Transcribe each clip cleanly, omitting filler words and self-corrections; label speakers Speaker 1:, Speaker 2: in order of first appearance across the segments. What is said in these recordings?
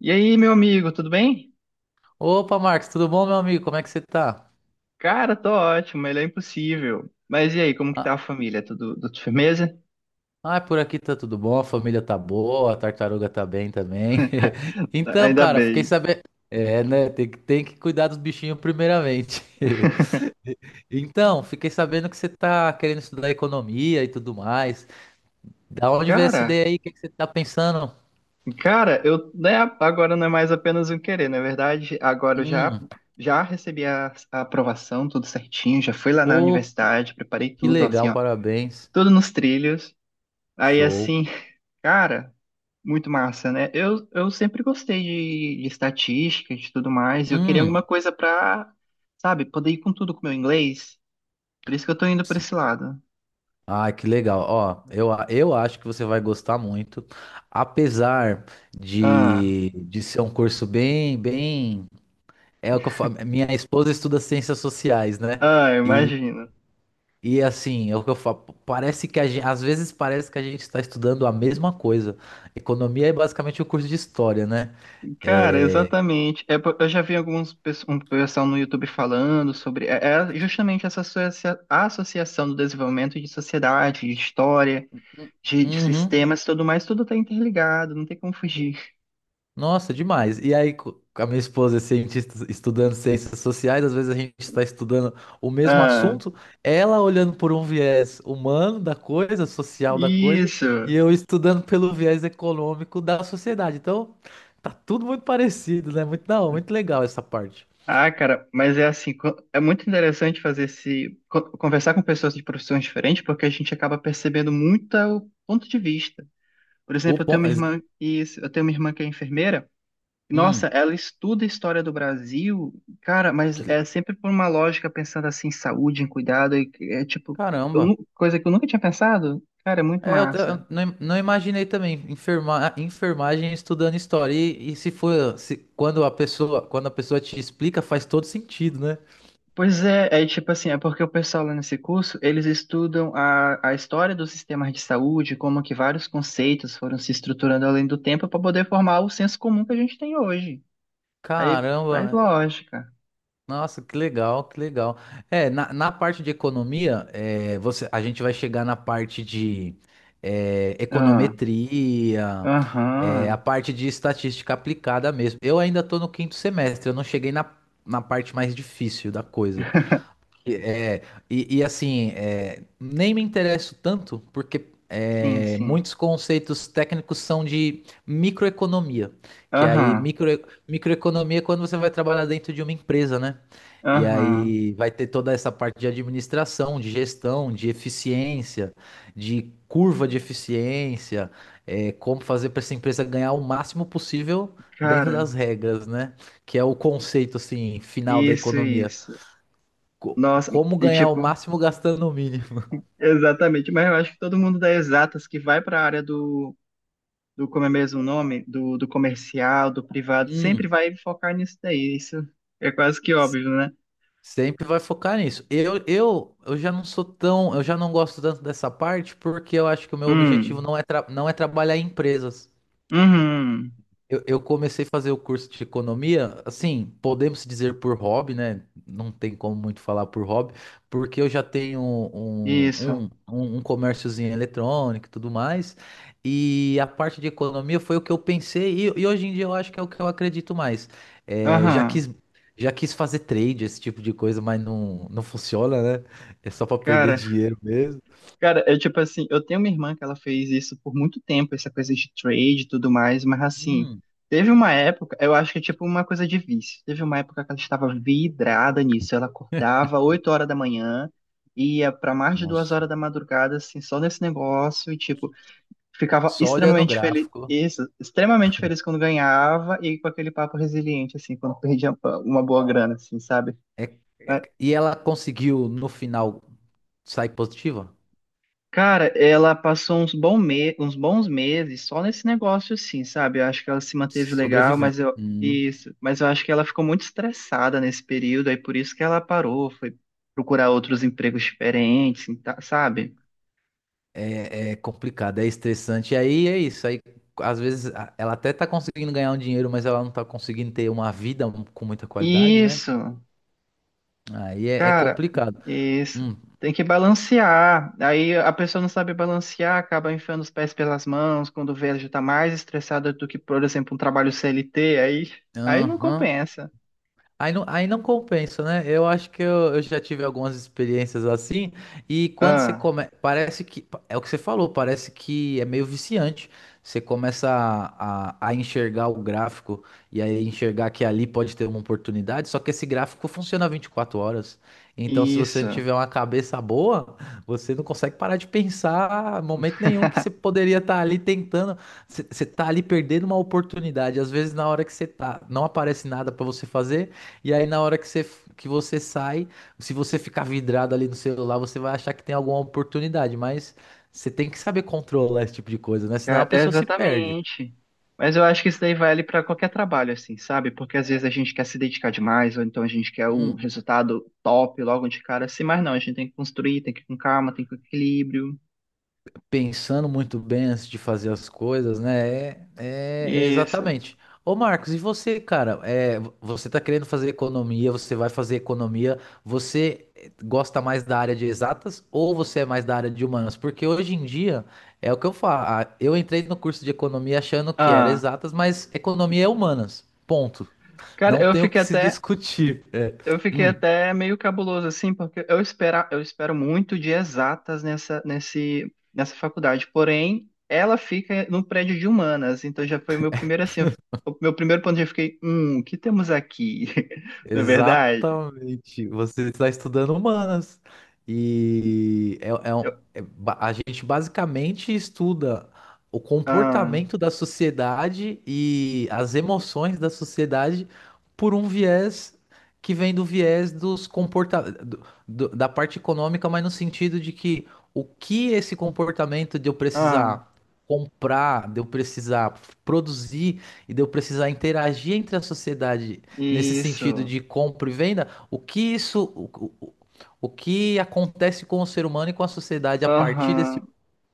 Speaker 1: E aí, meu amigo, tudo bem?
Speaker 2: Opa, Marcos, tudo bom, meu amigo? Como é que você tá?
Speaker 1: Cara, tô ótimo, ele é impossível. Mas e aí, como que
Speaker 2: Ah,
Speaker 1: tá a família? Tudo firmeza?
Speaker 2: por aqui tá tudo bom, a família tá boa, a tartaruga tá bem também. Então,
Speaker 1: Ainda
Speaker 2: cara, fiquei
Speaker 1: bem.
Speaker 2: sabendo. É, né? Tem que cuidar dos bichinhos primeiramente. Então, fiquei sabendo que você tá querendo estudar economia e tudo mais. Da onde veio essa
Speaker 1: Cara,
Speaker 2: ideia aí? O que que você tá pensando?
Speaker 1: cara, eu, né, agora não é mais apenas um querer, na verdade,
Speaker 2: Hum,
Speaker 1: já recebi a aprovação, tudo certinho, já fui lá na
Speaker 2: pô,
Speaker 1: universidade, preparei
Speaker 2: que
Speaker 1: tudo, assim,
Speaker 2: legal,
Speaker 1: ó,
Speaker 2: parabéns.
Speaker 1: tudo nos trilhos. Aí,
Speaker 2: Show.
Speaker 1: assim, cara. Muito massa, né? Eu sempre gostei de estatística, de tudo mais. Eu queria alguma
Speaker 2: Hum.
Speaker 1: coisa pra, sabe, poder ir com tudo com o meu inglês. Por isso que eu tô indo pra esse lado.
Speaker 2: Ah, que legal. Ó, eu acho que você vai gostar muito, apesar
Speaker 1: Ah,
Speaker 2: de ser um curso bem, bem. É o que eu falo. Minha esposa estuda ciências sociais, né?
Speaker 1: ah,
Speaker 2: E,
Speaker 1: imagino.
Speaker 2: e assim, é o que eu falo. Parece que a gente, às vezes parece que a gente está estudando a mesma coisa. Economia é basicamente o curso de história, né?
Speaker 1: Cara,
Speaker 2: É.
Speaker 1: exatamente. É, eu já vi um pessoal no YouTube falando sobre é justamente essa associação do desenvolvimento de sociedade, de história, de
Speaker 2: Uhum.
Speaker 1: sistemas, tudo mais, tudo tá interligado, não tem como fugir.
Speaker 2: Nossa, demais. E aí, a minha esposa é cientista estudando ciências sociais, às vezes a gente está estudando o mesmo
Speaker 1: Ah,
Speaker 2: assunto, ela olhando por um viés humano da coisa, social da coisa, e
Speaker 1: isso.
Speaker 2: eu estudando pelo viés econômico da sociedade. Então, tá tudo muito parecido, né? Muito da hora, muito legal essa parte.
Speaker 1: Ah, cara, mas é assim, é muito interessante fazer conversar com pessoas de profissões diferentes, porque a gente acaba percebendo muito o ponto de vista. Por
Speaker 2: O
Speaker 1: exemplo,
Speaker 2: ponto,
Speaker 1: eu tenho uma irmã que é enfermeira.
Speaker 2: hum,
Speaker 1: Nossa, ela estuda a história do Brasil, cara, mas
Speaker 2: que le-
Speaker 1: é sempre por uma lógica pensando assim, em saúde, em cuidado, e é tipo,
Speaker 2: caramba.
Speaker 1: coisa que eu nunca tinha pensado. Cara, é muito
Speaker 2: É,
Speaker 1: massa.
Speaker 2: eu não, não imaginei também enfermagem estudando história. E se for, se, quando a pessoa te explica, faz todo sentido, né?
Speaker 1: Pois é, é tipo assim, é porque o pessoal lá nesse curso, eles estudam a história dos sistemas de saúde, como que vários conceitos foram se estruturando além do tempo para poder formar o senso comum que a gente tem hoje. Aí faz
Speaker 2: Caramba,
Speaker 1: lógica.
Speaker 2: nossa, que legal, que legal. É, na, na parte de economia, é, você, a gente vai chegar na parte de é,
Speaker 1: Ah,
Speaker 2: econometria, é, a
Speaker 1: aham,
Speaker 2: parte de estatística aplicada mesmo. Eu ainda estou no quinto semestre, eu não cheguei na, na parte mais difícil da coisa. E assim, é, nem me interesso tanto, porque
Speaker 1: sim,
Speaker 2: é,
Speaker 1: sim.
Speaker 2: muitos conceitos técnicos são de microeconomia, que
Speaker 1: Aham,
Speaker 2: microeconomia é quando você vai trabalhar dentro de uma empresa, né? E
Speaker 1: aham.
Speaker 2: aí vai ter toda essa parte de administração, de gestão, de eficiência, de curva de eficiência, é, como fazer para essa empresa ganhar o máximo possível dentro
Speaker 1: Cara,
Speaker 2: das regras, né? Que é o conceito assim final da
Speaker 1: isso,
Speaker 2: economia
Speaker 1: isso. Nossa,
Speaker 2: como
Speaker 1: e
Speaker 2: ganhar o
Speaker 1: tipo,
Speaker 2: máximo gastando o mínimo.
Speaker 1: exatamente, mas eu acho que todo mundo dá exatas que vai para a área do do como é mesmo o nome, do comercial, do privado, sempre
Speaker 2: Hum,
Speaker 1: vai focar nisso daí. Isso é quase que
Speaker 2: S-
Speaker 1: óbvio, né?
Speaker 2: Sempre vai focar nisso. Eu já não sou tão, eu já não gosto tanto dessa parte porque eu acho que o meu objetivo
Speaker 1: Hum,
Speaker 2: não é, não é trabalhar em empresas.
Speaker 1: uhum,
Speaker 2: Eu comecei a fazer o curso de economia, assim, podemos dizer por hobby, né? Não tem como muito falar por hobby, porque eu já tenho
Speaker 1: isso,
Speaker 2: um comérciozinho eletrônico e tudo mais, e a parte de economia foi o que eu pensei, e hoje em dia eu acho que é o que eu acredito mais. É, já
Speaker 1: aham.
Speaker 2: quis, já quis fazer trade, esse tipo de coisa, mas não, não funciona, né? É só para perder
Speaker 1: Cara,
Speaker 2: dinheiro mesmo.
Speaker 1: cara, eu tipo assim, eu tenho uma irmã que ela fez isso por muito tempo, essa coisa de trade e tudo mais, mas assim,
Speaker 2: Hum,
Speaker 1: teve uma época, eu acho que é tipo uma coisa de vício. Teve uma época que ela estava vidrada nisso, ela acordava 8 horas da manhã, ia pra mais de duas
Speaker 2: nossa.
Speaker 1: horas da madrugada, assim, só nesse negócio, e tipo, ficava
Speaker 2: Só olhando o
Speaker 1: extremamente feliz,
Speaker 2: gráfico.
Speaker 1: isso, extremamente feliz quando ganhava e com aquele papo resiliente, assim, quando perdia uma boa grana, assim, sabe?
Speaker 2: É,
Speaker 1: Mas,
Speaker 2: e ela conseguiu, no final, sai positiva?
Speaker 1: cara, ela passou uns, uns bons meses só nesse negócio, assim, sabe? Eu acho que ela se manteve legal,
Speaker 2: Sobrevivendo.
Speaker 1: mas eu, isso, mas eu acho que ela ficou muito estressada nesse período, aí por isso que ela parou, foi procurar outros empregos diferentes, sabe?
Speaker 2: É, é complicado, é estressante. E aí é isso. Aí, às vezes ela até tá conseguindo ganhar um dinheiro, mas ela não tá conseguindo ter uma vida com muita qualidade, né?
Speaker 1: Isso.
Speaker 2: Aí é, é
Speaker 1: Cara,
Speaker 2: complicado.
Speaker 1: isso.
Speaker 2: Hum,
Speaker 1: Tem que balancear. Aí a pessoa não sabe balancear, acaba enfiando os pés pelas mãos, quando vê, ela já tá mais estressada do que, por exemplo, um trabalho CLT, aí não
Speaker 2: aham.
Speaker 1: compensa.
Speaker 2: Aí não compensa, né? Eu acho que eu já tive algumas experiências assim, e quando você
Speaker 1: Ah,
Speaker 2: começa. Parece que. É o que você falou, parece que é meio viciante. Você começa a enxergar o gráfico e aí enxergar que ali pode ter uma oportunidade, só que esse gráfico funciona 24 horas. Então, se você não
Speaker 1: isso.
Speaker 2: tiver uma cabeça boa, você não consegue parar de pensar em momento nenhum que você poderia estar ali tentando. Você está ali perdendo uma oportunidade. Às vezes, na hora que você tá, não aparece nada para você fazer. E aí, na hora que você sai, se você ficar vidrado ali no celular, você vai achar que tem alguma oportunidade, mas você tem que saber controlar esse tipo de coisa, né? Senão a
Speaker 1: Cara, é
Speaker 2: pessoa se perde.
Speaker 1: exatamente. Mas eu acho que isso daí vale para qualquer trabalho, assim, sabe? Porque às vezes a gente quer se dedicar demais, ou então a gente quer um resultado top logo de cara, assim, mas não, a gente tem que construir, tem que ir com calma, tem que ir com equilíbrio.
Speaker 2: Pensando muito bem antes de fazer as coisas, né? É
Speaker 1: Isso.
Speaker 2: exatamente. Ô Marcos, e você, cara? É, você tá querendo fazer economia, você vai fazer economia, você gosta mais da área de exatas ou você é mais da área de humanas? Porque hoje em dia é o que eu falo. Eu entrei no curso de economia achando que era
Speaker 1: Ah.
Speaker 2: exatas, mas economia é humanas. Ponto.
Speaker 1: Cara,
Speaker 2: Não
Speaker 1: eu
Speaker 2: tem o
Speaker 1: fiquei
Speaker 2: que se
Speaker 1: até
Speaker 2: discutir. É.
Speaker 1: Eu fiquei
Speaker 2: Hum.
Speaker 1: até meio cabuloso, assim, porque eu espero muito de exatas nessa faculdade. Porém, ela fica no prédio de humanas, então já foi o meu primeiro, assim, o meu primeiro ponto, já fiquei, o que temos aqui? Na verdade?
Speaker 2: Exatamente. Você está estudando humanas. E
Speaker 1: Eu,
Speaker 2: a gente basicamente estuda o
Speaker 1: ah,
Speaker 2: comportamento da sociedade e as emoções da sociedade por um viés que vem do viés dos da parte econômica, mas no sentido de que o que esse comportamento de eu
Speaker 1: ah,
Speaker 2: precisar comprar, de eu precisar produzir e de eu precisar interagir entre a sociedade nesse sentido
Speaker 1: isso,
Speaker 2: de compra e venda, o que isso, o, o que acontece com o ser humano e com a sociedade a partir desse
Speaker 1: aham.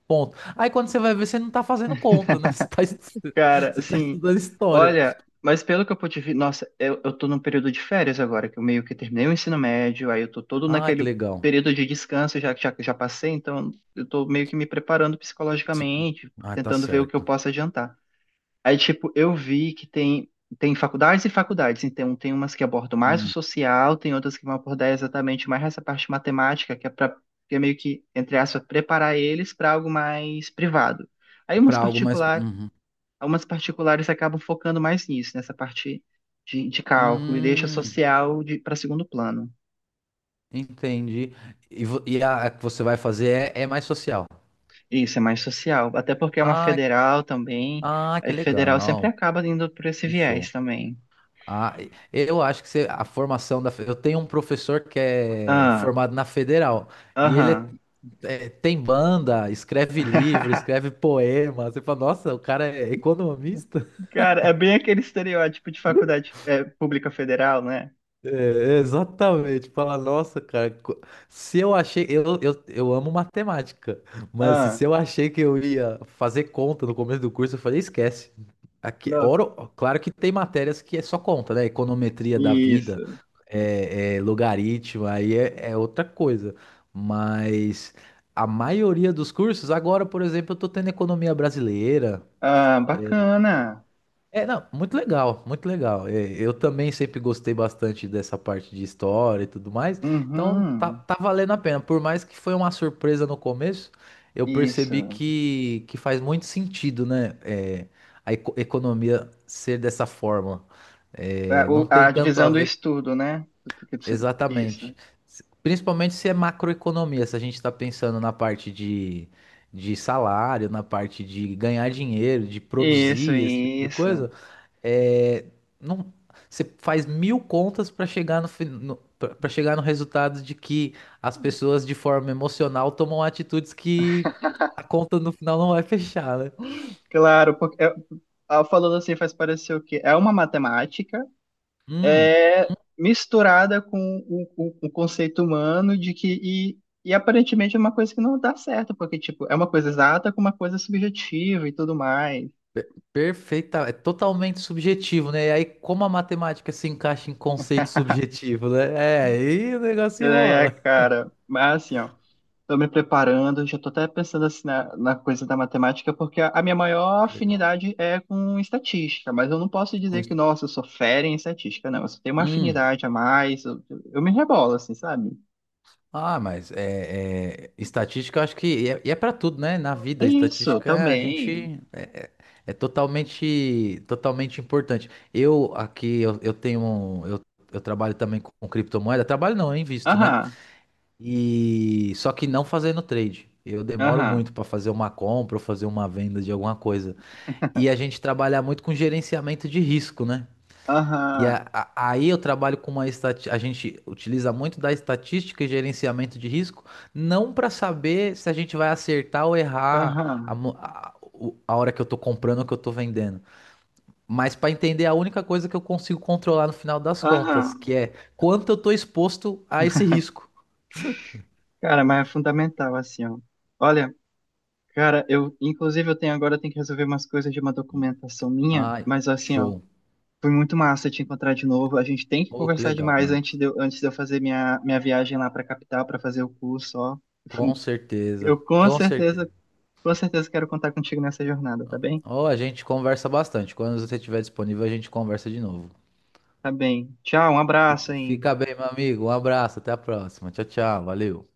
Speaker 2: ponto. Aí quando você vai ver, você não tá fazendo conta, né? Você tá,
Speaker 1: Cara,
Speaker 2: você tá
Speaker 1: assim,
Speaker 2: estudando história.
Speaker 1: olha, mas pelo que eu pude ver, nossa, eu tô num período de férias agora, que eu meio que terminei o ensino médio, aí eu tô todo
Speaker 2: Ah, que
Speaker 1: naquele
Speaker 2: legal.
Speaker 1: período de descanso já que já passei, então eu tô meio que me preparando
Speaker 2: Se-
Speaker 1: psicologicamente,
Speaker 2: Ah, tá
Speaker 1: tentando ver o que eu
Speaker 2: certo.
Speaker 1: posso adiantar. Aí, tipo, eu vi que tem, tem faculdades e faculdades, então tem umas que abordam mais o
Speaker 2: Hum.
Speaker 1: social, tem outras que vão abordar exatamente mais essa parte matemática, que é meio que, entre aspas, preparar eles para algo mais privado. Aí umas
Speaker 2: Para algo mais.
Speaker 1: particulares
Speaker 2: Uhum.
Speaker 1: Algumas particulares acabam focando mais nisso, nessa parte de cálculo, e deixa
Speaker 2: Hum,
Speaker 1: social para segundo plano.
Speaker 2: entendi. E, a que você vai fazer é, é mais social.
Speaker 1: Isso, é mais social. Até porque é uma
Speaker 2: Ah,
Speaker 1: federal também,
Speaker 2: que
Speaker 1: aí federal sempre
Speaker 2: legal.
Speaker 1: acaba indo por esse
Speaker 2: Que
Speaker 1: viés
Speaker 2: show.
Speaker 1: também.
Speaker 2: Ah, eu acho que você- a formação da. Eu tenho um professor que é
Speaker 1: Ah,
Speaker 2: formado na Federal e
Speaker 1: aham.
Speaker 2: é, tem banda, escreve livro, escreve poema. Você fala, nossa, o cara é economista?
Speaker 1: Cara, é bem aquele estereótipo de faculdade é, pública federal, né?
Speaker 2: É, exatamente. Fala, nossa, cara, co- se eu achei, eu amo matemática, mas
Speaker 1: Ah,
Speaker 2: se eu achei que eu ia fazer conta no começo do curso, eu falei, esquece. Aqui,
Speaker 1: nossa,
Speaker 2: oro, claro que tem matérias que é só conta, né? Econometria da
Speaker 1: isso.
Speaker 2: vida, é, é logaritmo, aí é, é outra coisa. Mas a maioria dos cursos, agora, por exemplo, eu tô tendo economia brasileira.
Speaker 1: Ah, bacana.
Speaker 2: É, não, muito legal, muito legal. É, eu também sempre gostei bastante dessa parte de história e tudo mais. Então tá,
Speaker 1: Uhum,
Speaker 2: tá valendo a pena. Por mais que foi uma surpresa no começo, eu percebi
Speaker 1: isso.
Speaker 2: que faz muito sentido, né? é, a economia ser dessa forma.
Speaker 1: A,
Speaker 2: É, não tem
Speaker 1: a
Speaker 2: tanto a
Speaker 1: divisão do
Speaker 2: ver
Speaker 1: estudo, né? Isso.
Speaker 2: exatamente. Principalmente se é macroeconomia, se a gente está pensando na parte de salário, na parte de ganhar dinheiro, de
Speaker 1: Isso,
Speaker 2: produzir, esse tipo de
Speaker 1: isso.
Speaker 2: coisa. É, não, você faz mil contas para chegar no, para chegar no resultado de que as pessoas de forma emocional tomam atitudes que a conta no final não vai fechar, né?
Speaker 1: Claro, porque é, ah, falando assim faz parecer o quê? É uma matemática é, misturada com o conceito humano de que e aparentemente é uma coisa que não dá certo, porque tipo, é uma coisa exata com uma coisa subjetiva e tudo mais.
Speaker 2: Perfeita, é totalmente subjetivo, né? E aí, como a matemática se encaixa em conceito subjetivo, né? É, aí o negócio
Speaker 1: É,
Speaker 2: rola.
Speaker 1: cara, mas assim, ó. Estou me preparando, já estou até pensando assim na coisa da matemática, porque a minha maior
Speaker 2: Que legal.
Speaker 1: afinidade é com estatística, mas eu não posso
Speaker 2: Com
Speaker 1: dizer que,
Speaker 2: isso-
Speaker 1: nossa, eu sou fera em estatística, não. Eu só tenho uma
Speaker 2: Hum.
Speaker 1: afinidade a mais, eu me rebolo, assim, sabe?
Speaker 2: Ah, mas estatística, eu acho que e é para tudo, né? Na
Speaker 1: É
Speaker 2: vida,
Speaker 1: isso,
Speaker 2: estatística a
Speaker 1: também.
Speaker 2: gente é totalmente, totalmente importante. Eu aqui eu tenho, um- eu trabalho também com criptomoeda. Trabalho não, eu invisto, né?
Speaker 1: Aham,
Speaker 2: E só que não fazendo trade. Eu demoro
Speaker 1: aham,
Speaker 2: muito para fazer uma compra ou fazer uma venda de alguma coisa. E a gente trabalha muito com gerenciamento de risco, né? E
Speaker 1: aham,
Speaker 2: a- aí eu trabalho com uma estatística, a gente utiliza muito da estatística e gerenciamento de risco, não para saber se a gente vai acertar ou errar a,
Speaker 1: aham,
Speaker 2: mo- a- o- a hora que eu tô comprando ou que eu tô vendendo, mas para entender a única coisa que eu consigo controlar no final das contas,
Speaker 1: aham.
Speaker 2: que é quanto eu tô exposto a esse risco.
Speaker 1: Cara, mas é fundamental, assim, ó. Olha, cara, eu, inclusive, eu tenho que resolver umas coisas de uma documentação minha,
Speaker 2: Ai,
Speaker 1: mas assim, ó.
Speaker 2: show.
Speaker 1: Foi muito massa te encontrar de novo. A gente tem que
Speaker 2: Ô, que
Speaker 1: conversar
Speaker 2: legal,
Speaker 1: demais
Speaker 2: Marcos.
Speaker 1: antes de eu fazer minha viagem lá para a capital para fazer o curso, ó. Eu fui-
Speaker 2: Com
Speaker 1: eu
Speaker 2: certeza, com certeza.
Speaker 1: com certeza quero contar contigo nessa jornada, tá bem?
Speaker 2: Ou a gente conversa bastante. Quando você estiver disponível, a gente conversa de novo.
Speaker 1: Tá bem. Tchau, um abraço, hein?
Speaker 2: Fica bem, meu amigo. Um abraço, até a próxima. Tchau, tchau. Valeu.